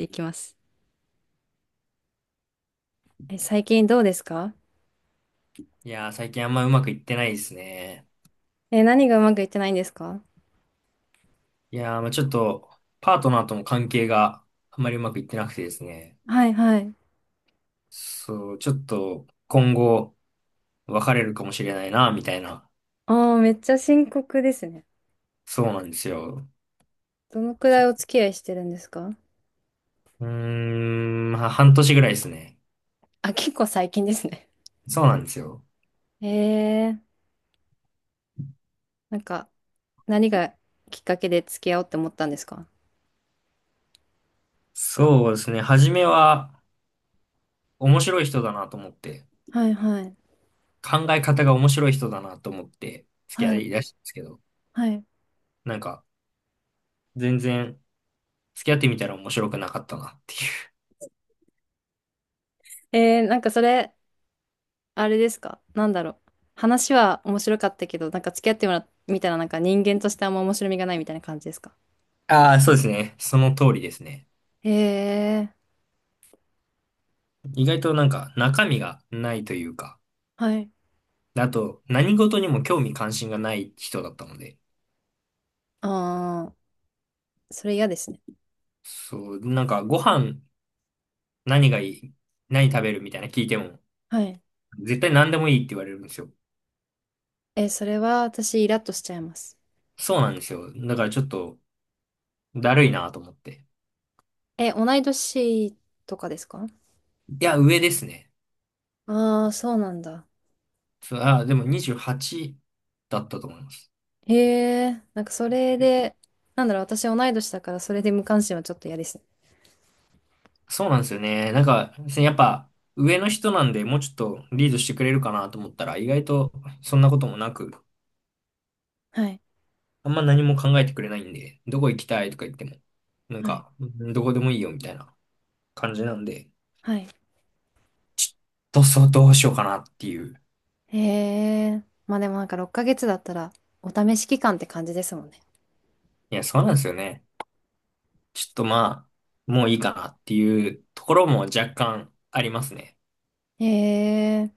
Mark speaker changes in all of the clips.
Speaker 1: いきます。最近どうですか？
Speaker 2: いやー、最近あんまうまくいってないですね。
Speaker 1: 何がうまくいってないんですか？
Speaker 2: いやー、まあちょっと、パートナーとの関係があんまりうまくいってなくてですね。
Speaker 1: はいはい。
Speaker 2: そう、ちょっと、今後、別れるかもしれないな、みたいな。
Speaker 1: ああ、めっちゃ深刻ですね。
Speaker 2: そうなんですよ。
Speaker 1: どのくらいお付き合いしてるんですか？
Speaker 2: うーん、まあ半年ぐらいですね。
Speaker 1: あ、結構最近ですね。
Speaker 2: そうなんですよ。
Speaker 1: ええ、なんか、何がきっかけで付き合おうって思ったんですか？
Speaker 2: そうですね。初めは、面白い人だなと思って、
Speaker 1: はいはい。
Speaker 2: 考え方が面白い人だなと思って、付き合
Speaker 1: はい。
Speaker 2: いだしたんですけど、
Speaker 1: はい。
Speaker 2: なんか、全然、付き合ってみたら面白くなかったなっていう。
Speaker 1: なんかそれ、あれですか？なんだろう。話は面白かったけど、なんか付き合ってもらみたらなんか人間としてあんま面白みがないみたいな感じですか？
Speaker 2: ああ、そうですね。その通りですね。
Speaker 1: ええ、
Speaker 2: 意外となんか中身がないというか、
Speaker 1: はい。
Speaker 2: あと何事にも興味関心がない人だったので、
Speaker 1: ああ、それ嫌ですね。
Speaker 2: そう、なんかご飯何がいい、何食べるみたいな聞いても、
Speaker 1: はい。
Speaker 2: 絶対何でもいいって言われるんですよ。
Speaker 1: え、それは私イラッとしちゃいます。
Speaker 2: そうなんですよ。だからちょっとだるいなと思って。
Speaker 1: え、同い年とかですか？
Speaker 2: いや、上ですね。
Speaker 1: ああー、そうなんだ。
Speaker 2: そう、でも28だったと思います。
Speaker 1: へえ、なんかそれで、なんだろう、私同い年だからそれで無関心はちょっと嫌ですね。
Speaker 2: そうなんですよね。なんか、やっぱ上の人なんでもうちょっとリードしてくれるかなと思ったら、意外とそんなこともなく、
Speaker 1: はい、
Speaker 2: あんま何も考えてくれないんで、どこ行きたいとか言っても、なん
Speaker 1: はい、
Speaker 2: か、どこでもいいよみたいな感じなんで、
Speaker 1: はい。
Speaker 2: そうそう、どうしようかなっていう。
Speaker 1: へえ、まあでもなんか6ヶ月だったらお試し期間って感じですもんね。
Speaker 2: いや、そうなんですよね。ちょっとまあ、もういいかなっていうところも若干ありますね。
Speaker 1: へえ、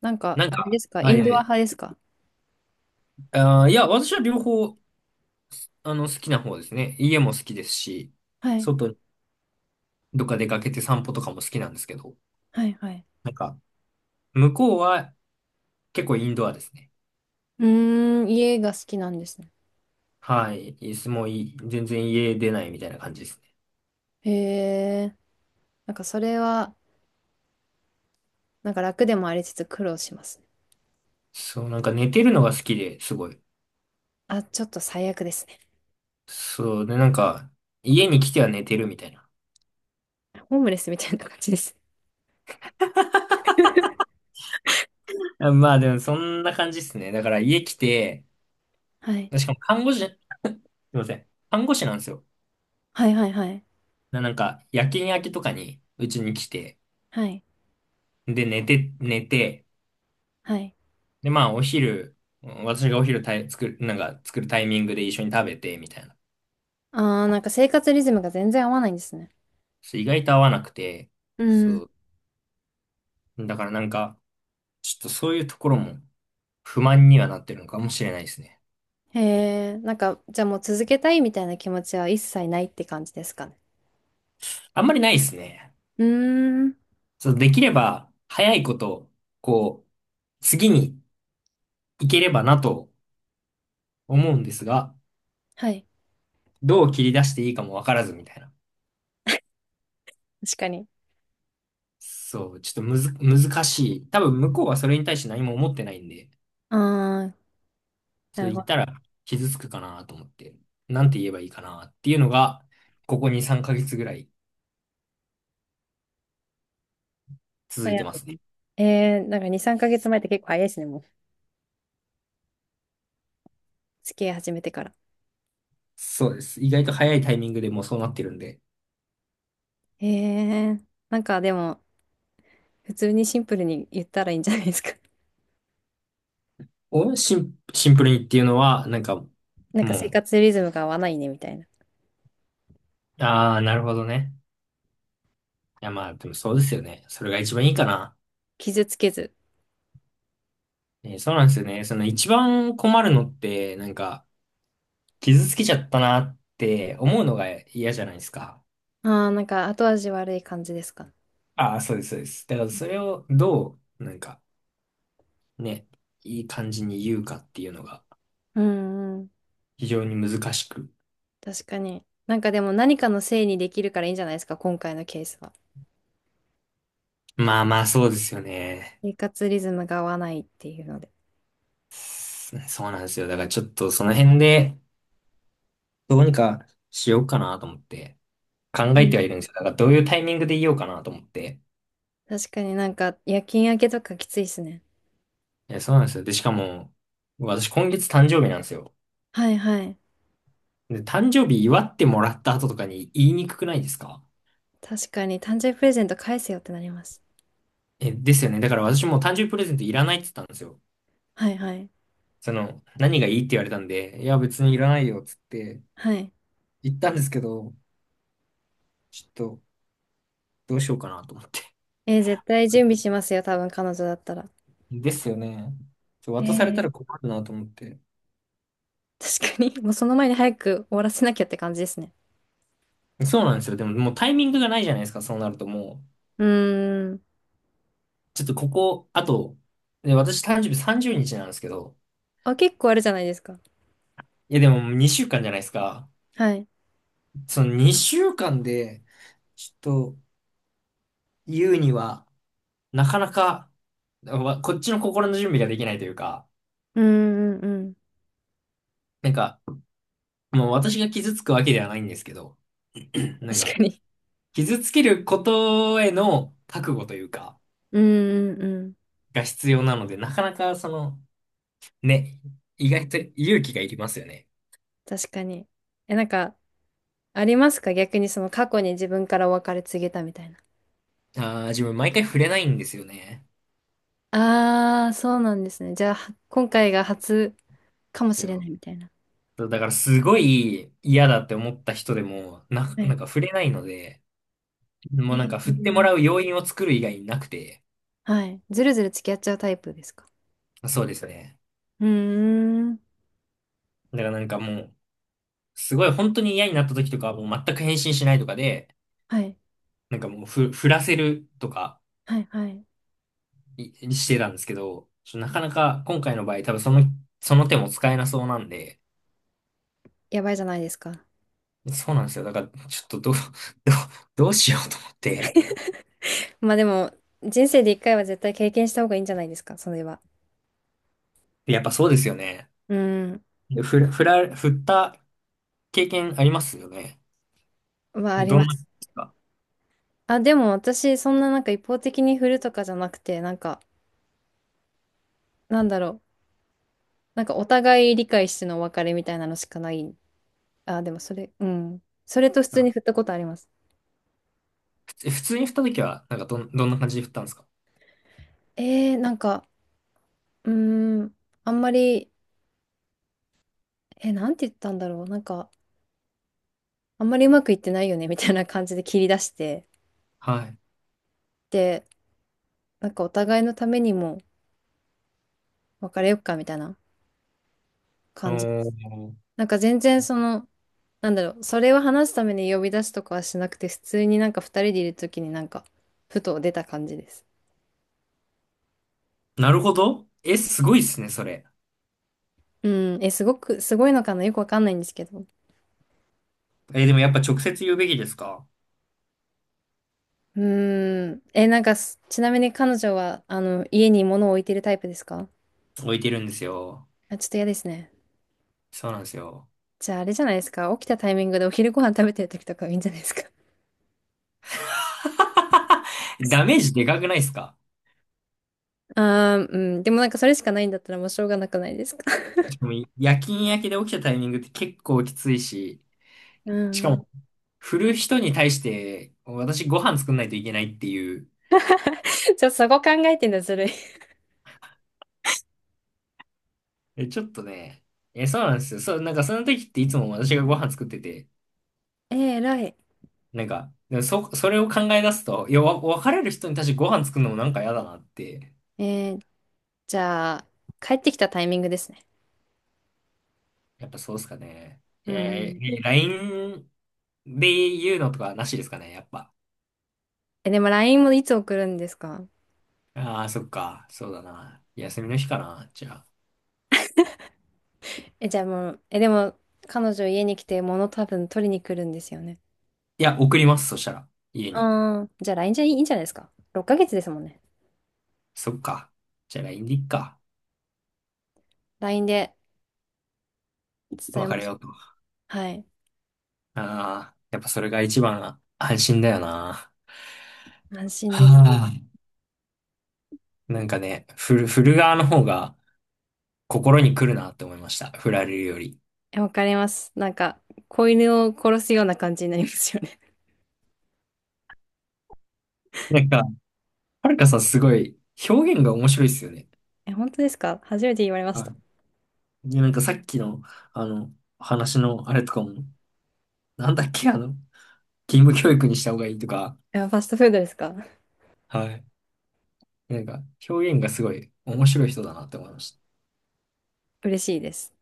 Speaker 1: なんか
Speaker 2: なん
Speaker 1: あれで
Speaker 2: か、
Speaker 1: すか、イ
Speaker 2: あ、い
Speaker 1: ン
Speaker 2: や、
Speaker 1: ドア派ですか？
Speaker 2: いや、私は両方、あの、好きな方ですね。家も好きですし、
Speaker 1: はい、
Speaker 2: 外にどっか出かけて散歩とかも好きなんですけど、
Speaker 1: はい、はい。
Speaker 2: なんか、向こうは結構インドアですね。
Speaker 1: うーん、家が好きなんですね。
Speaker 2: はい。いつもいい、全然家出ないみたいな感じですね。
Speaker 1: へえ、なんかそれは、なんか楽でもありつつ苦労しますね。
Speaker 2: そう、なんか寝てるのが好きで、すごい。
Speaker 1: あ、ちょっと最悪ですね。
Speaker 2: そう、で、なんか、家に来ては寝てるみたいな。
Speaker 1: ホームレスみたいな感じです。
Speaker 2: あまあでも、そんな感じですね。だから家来て、
Speaker 1: はい。
Speaker 2: しかも看護師、すいません。看護師なんですよ。
Speaker 1: はいはいはい。
Speaker 2: なんか、夜勤明けとかに、うちに来て、
Speaker 1: はい。
Speaker 2: で、寝て、寝て、
Speaker 1: はい。
Speaker 2: で、まあ、お昼、うん私がお昼作る、なんか、作るタイミングで一緒に食べて、みたいな。
Speaker 1: あー、なんか生活リズムが全然合わないんですね。
Speaker 2: そう意外と合わなくて、
Speaker 1: うん。
Speaker 2: そう。だからなんか、ちょっとそういうところも不満にはなってるのかもしれないですね。
Speaker 1: へえ、なんか、じゃあもう続けたいみたいな気持ちは一切ないって感じですかね？
Speaker 2: あんまりないですね。
Speaker 1: うーん。
Speaker 2: そう、できれば早いこと、こう、次に行ければなと思うんですが、
Speaker 1: はい。
Speaker 2: どう切り出していいかもわからずみたいな。
Speaker 1: 確かに。
Speaker 2: そう、ちょっとむず、難しい。多分向こうはそれに対して何も思ってないんで、
Speaker 1: ああ、な
Speaker 2: それ
Speaker 1: る
Speaker 2: 言
Speaker 1: ほ
Speaker 2: った
Speaker 1: ど。
Speaker 2: ら傷つくかなと思って、なんて言えばいいかなっていうのが、ここ2、3ヶ月ぐらい続
Speaker 1: 悩ん
Speaker 2: いてま
Speaker 1: で
Speaker 2: すね。
Speaker 1: る。なんか2、3ヶ月前って結構早いですね、もう。付き合い始めてから。
Speaker 2: そうです。意外と早いタイミングでもうそうなってるんで、
Speaker 1: なんかでも、普通にシンプルに言ったらいいんじゃないですか？
Speaker 2: お、シンプルにっていうのは、なんか、も
Speaker 1: なんか生
Speaker 2: う、
Speaker 1: 活リズムが合わないね、みたいな。
Speaker 2: ああ、なるほどね。いや、まあ、でもそうですよね。それが一番いいかな。
Speaker 1: 傷つけず。
Speaker 2: ね、そうなんですよね。その一番困るのって、なんか、傷つけちゃったなって思うのが嫌じゃないですか。
Speaker 1: ああ、なんか後味悪い感じですか？
Speaker 2: ああ、そうです、そうです。だからそれをどう、なんか、ね、いい感じに言うかっていうのが
Speaker 1: うんうん。
Speaker 2: 非常に難しく。
Speaker 1: 確かに。なんかでも何かのせいにできるからいいんじゃないですか、今回のケースは？
Speaker 2: まあまあ、そうですよね。
Speaker 1: 生活リズムが合わないっていうので。
Speaker 2: そうなんですよ。だからちょっとその辺で、どうにかしようかなと思って、考
Speaker 1: う
Speaker 2: え
Speaker 1: ん。
Speaker 2: てはいるんですよ。だからどういうタイミングで言おうかなと思って。
Speaker 1: 確かになんか夜勤明けとかきついっすね。
Speaker 2: いや、そうなんですよ。で、しかも、私今月誕生日なんですよ。
Speaker 1: はいはい。
Speaker 2: で、誕生日祝ってもらった後とかに言いにくくないですか？
Speaker 1: 確かに誕生日プレゼント返せよってなります。
Speaker 2: え、ですよね。だから私もう誕生日プレゼントいらないって言ったんですよ。
Speaker 1: はいはい。
Speaker 2: その、何がいいって言われたんで、いや、別にいらないよっつって
Speaker 1: はい。
Speaker 2: 言ったんですけど、ちょっとどうしようかなと思って。
Speaker 1: 絶対準備し ますよ、多分彼女だったら。
Speaker 2: ですよね。
Speaker 1: え
Speaker 2: 渡され
Speaker 1: ー
Speaker 2: たら困るなと思って。
Speaker 1: 確かに。もうその前に早く終わらせなきゃって感じですね。
Speaker 2: そうなんですよ。でももうタイミングがないじゃないですか、そうなるともう。
Speaker 1: うーん。
Speaker 2: ちょっとここ、あと、で、私誕生日30日なんですけど、
Speaker 1: あ、結構あるじゃないですか。
Speaker 2: いやでも2週間じゃないですか。
Speaker 1: はい。
Speaker 2: その2週間で、ちょっと言うには、なかなか、こっちの心の準備ができないというか、
Speaker 1: うんうんうん。
Speaker 2: なんか、もう私が傷つくわけではないんですけど、なん
Speaker 1: 確
Speaker 2: か、
Speaker 1: かに。
Speaker 2: 傷つけることへの覚悟というか、
Speaker 1: うんうんうん。
Speaker 2: が必要なので、なかなかその、ね、意外と勇気がいりますよね。
Speaker 1: 確かに。え、なんか、ありますか？逆にその過去に自分からお別れ告げたみたいな。
Speaker 2: ああ、自分毎回触れないんですよね。
Speaker 1: ああ、そうなんですね。じゃあ、今回が初かもしれないみたいな。
Speaker 2: そうだからすごい嫌だって思った人でも、
Speaker 1: は
Speaker 2: なん
Speaker 1: い。
Speaker 2: か触れないので、も
Speaker 1: へ
Speaker 2: うなんか振っても
Speaker 1: え。
Speaker 2: らう要因を作る以外になくて、
Speaker 1: はい。ずるずる付き合っちゃうタイプですか？
Speaker 2: そうですね。
Speaker 1: うーん。
Speaker 2: だからなんかもう、すごい本当に嫌になった時とかはもう全く返信しないとかで、
Speaker 1: はい。
Speaker 2: なんかもう振らせるとか
Speaker 1: はい、はい。
Speaker 2: してたんですけど、なかなか今回の場合多分その、その手も使えなそうなんで、
Speaker 1: やばいじゃないですか。
Speaker 2: そうなんですよ。だからちょっとどう、どうしようと思って。
Speaker 1: まあでも、人生で一回は絶対経験した方がいいんじゃないですか、それは。
Speaker 2: やっぱそうですよね。
Speaker 1: うん。
Speaker 2: 振った経験ありますよね。
Speaker 1: まあ、あり
Speaker 2: ど
Speaker 1: ま
Speaker 2: んな、で
Speaker 1: す。
Speaker 2: すか？
Speaker 1: あ、でも私、そんななんか一方的に振るとかじゃなくて、なんか、なんだろう。なんかお互い理解してのお別れみたいなのしかない。あ、でもそれ、うん。それと普通
Speaker 2: あ
Speaker 1: に振ったことあります。
Speaker 2: 普通に振った時は、なんかどんな感じで振ったんですか？
Speaker 1: なんか、うーん、あんまり、なんて言ったんだろう。なんか、あんまりうまくいってないよね、みたいな感じで切り出して、
Speaker 2: はい。
Speaker 1: で、なんかお互いのためにも別れよっか、みたいな感じで
Speaker 2: お
Speaker 1: す。
Speaker 2: ー、
Speaker 1: なんか全然その、なんだろう、それを話すために呼び出すとかはしなくて、普通になんか二人でいるときになんか、ふと出た感じです。
Speaker 2: なるほど。え、すごいっすね、それ。
Speaker 1: うん、すごく、すごいのかな、よくわかんないんですけど。
Speaker 2: え、でもやっぱ直接言うべきですか？
Speaker 1: うーん。え、なんかちなみに彼女は、家に物を置いてるタイプですか？
Speaker 2: 置いてるんですよ。
Speaker 1: あ、ちょっと嫌ですね。
Speaker 2: そうなんですよ。
Speaker 1: じゃあ、あれじゃないですか？起きたタイミングでお昼ご飯食べてる時とかはいいんじゃないですか？
Speaker 2: ダメージでかくないですか？
Speaker 1: あー、うん。でもなんかそれしかないんだったらもうしょうがなくないですか？
Speaker 2: しかも夜勤明けで起きたタイミングって結構きついし、
Speaker 1: う
Speaker 2: しか
Speaker 1: ん。
Speaker 2: も、振る人に対して、私ご飯作んないといけないっていう。
Speaker 1: じゃあ、そこ考えてんだ、ずるい。
Speaker 2: え、ちょっとね、え、そうなんですよ。そう、なんかその時っていつも私がご飯作ってて、
Speaker 1: 偉い。
Speaker 2: なんか、でもそれを考え出すと、いや、別れる人に対してご飯作るのもなんか嫌だなって
Speaker 1: えー、じゃあ、帰ってきたタイミングですね。
Speaker 2: やっぱそうっすかね。
Speaker 1: うん。
Speaker 2: え LINE で言うのとかなしですかね、やっぱ。
Speaker 1: え、でも LINE もいつ送るんですか？
Speaker 2: ああ、そっか。そうだな。休みの日かな、じゃあ。
Speaker 1: え、じゃあもう、え、でも、彼女家に来て物多分取りに来るんですよね。
Speaker 2: いや、送ります、そしたら。家に。
Speaker 1: ああ、じゃあ LINE じゃいいんじゃないですか？6ヶ月ですもんね。
Speaker 2: そっか。じゃあ LINE でいっか。
Speaker 1: LINE で伝えま
Speaker 2: 別れ
Speaker 1: し
Speaker 2: よ
Speaker 1: ょ
Speaker 2: う
Speaker 1: う。
Speaker 2: と。
Speaker 1: はい。
Speaker 2: ああ、やっぱそれが一番安心だよな。
Speaker 1: 安心
Speaker 2: は
Speaker 1: です。
Speaker 2: あ。なんかね、振る側の方が心に来るなって思いました。振られるより。
Speaker 1: え、わかります。なんか、子犬を殺すような感じになりますよね。
Speaker 2: なんか、はるかさんすごい表現が面白いっすよね。
Speaker 1: え、本当ですか？初めて言われました。
Speaker 2: でなんかさっきの、あの、話のあれとかも、なんだっけ、あの、義務教育にした方がいいとか、
Speaker 1: え、ファストフードですか？
Speaker 2: はい。なんか、表現がすごい面白い人だなって思いました。
Speaker 1: 嬉しいです。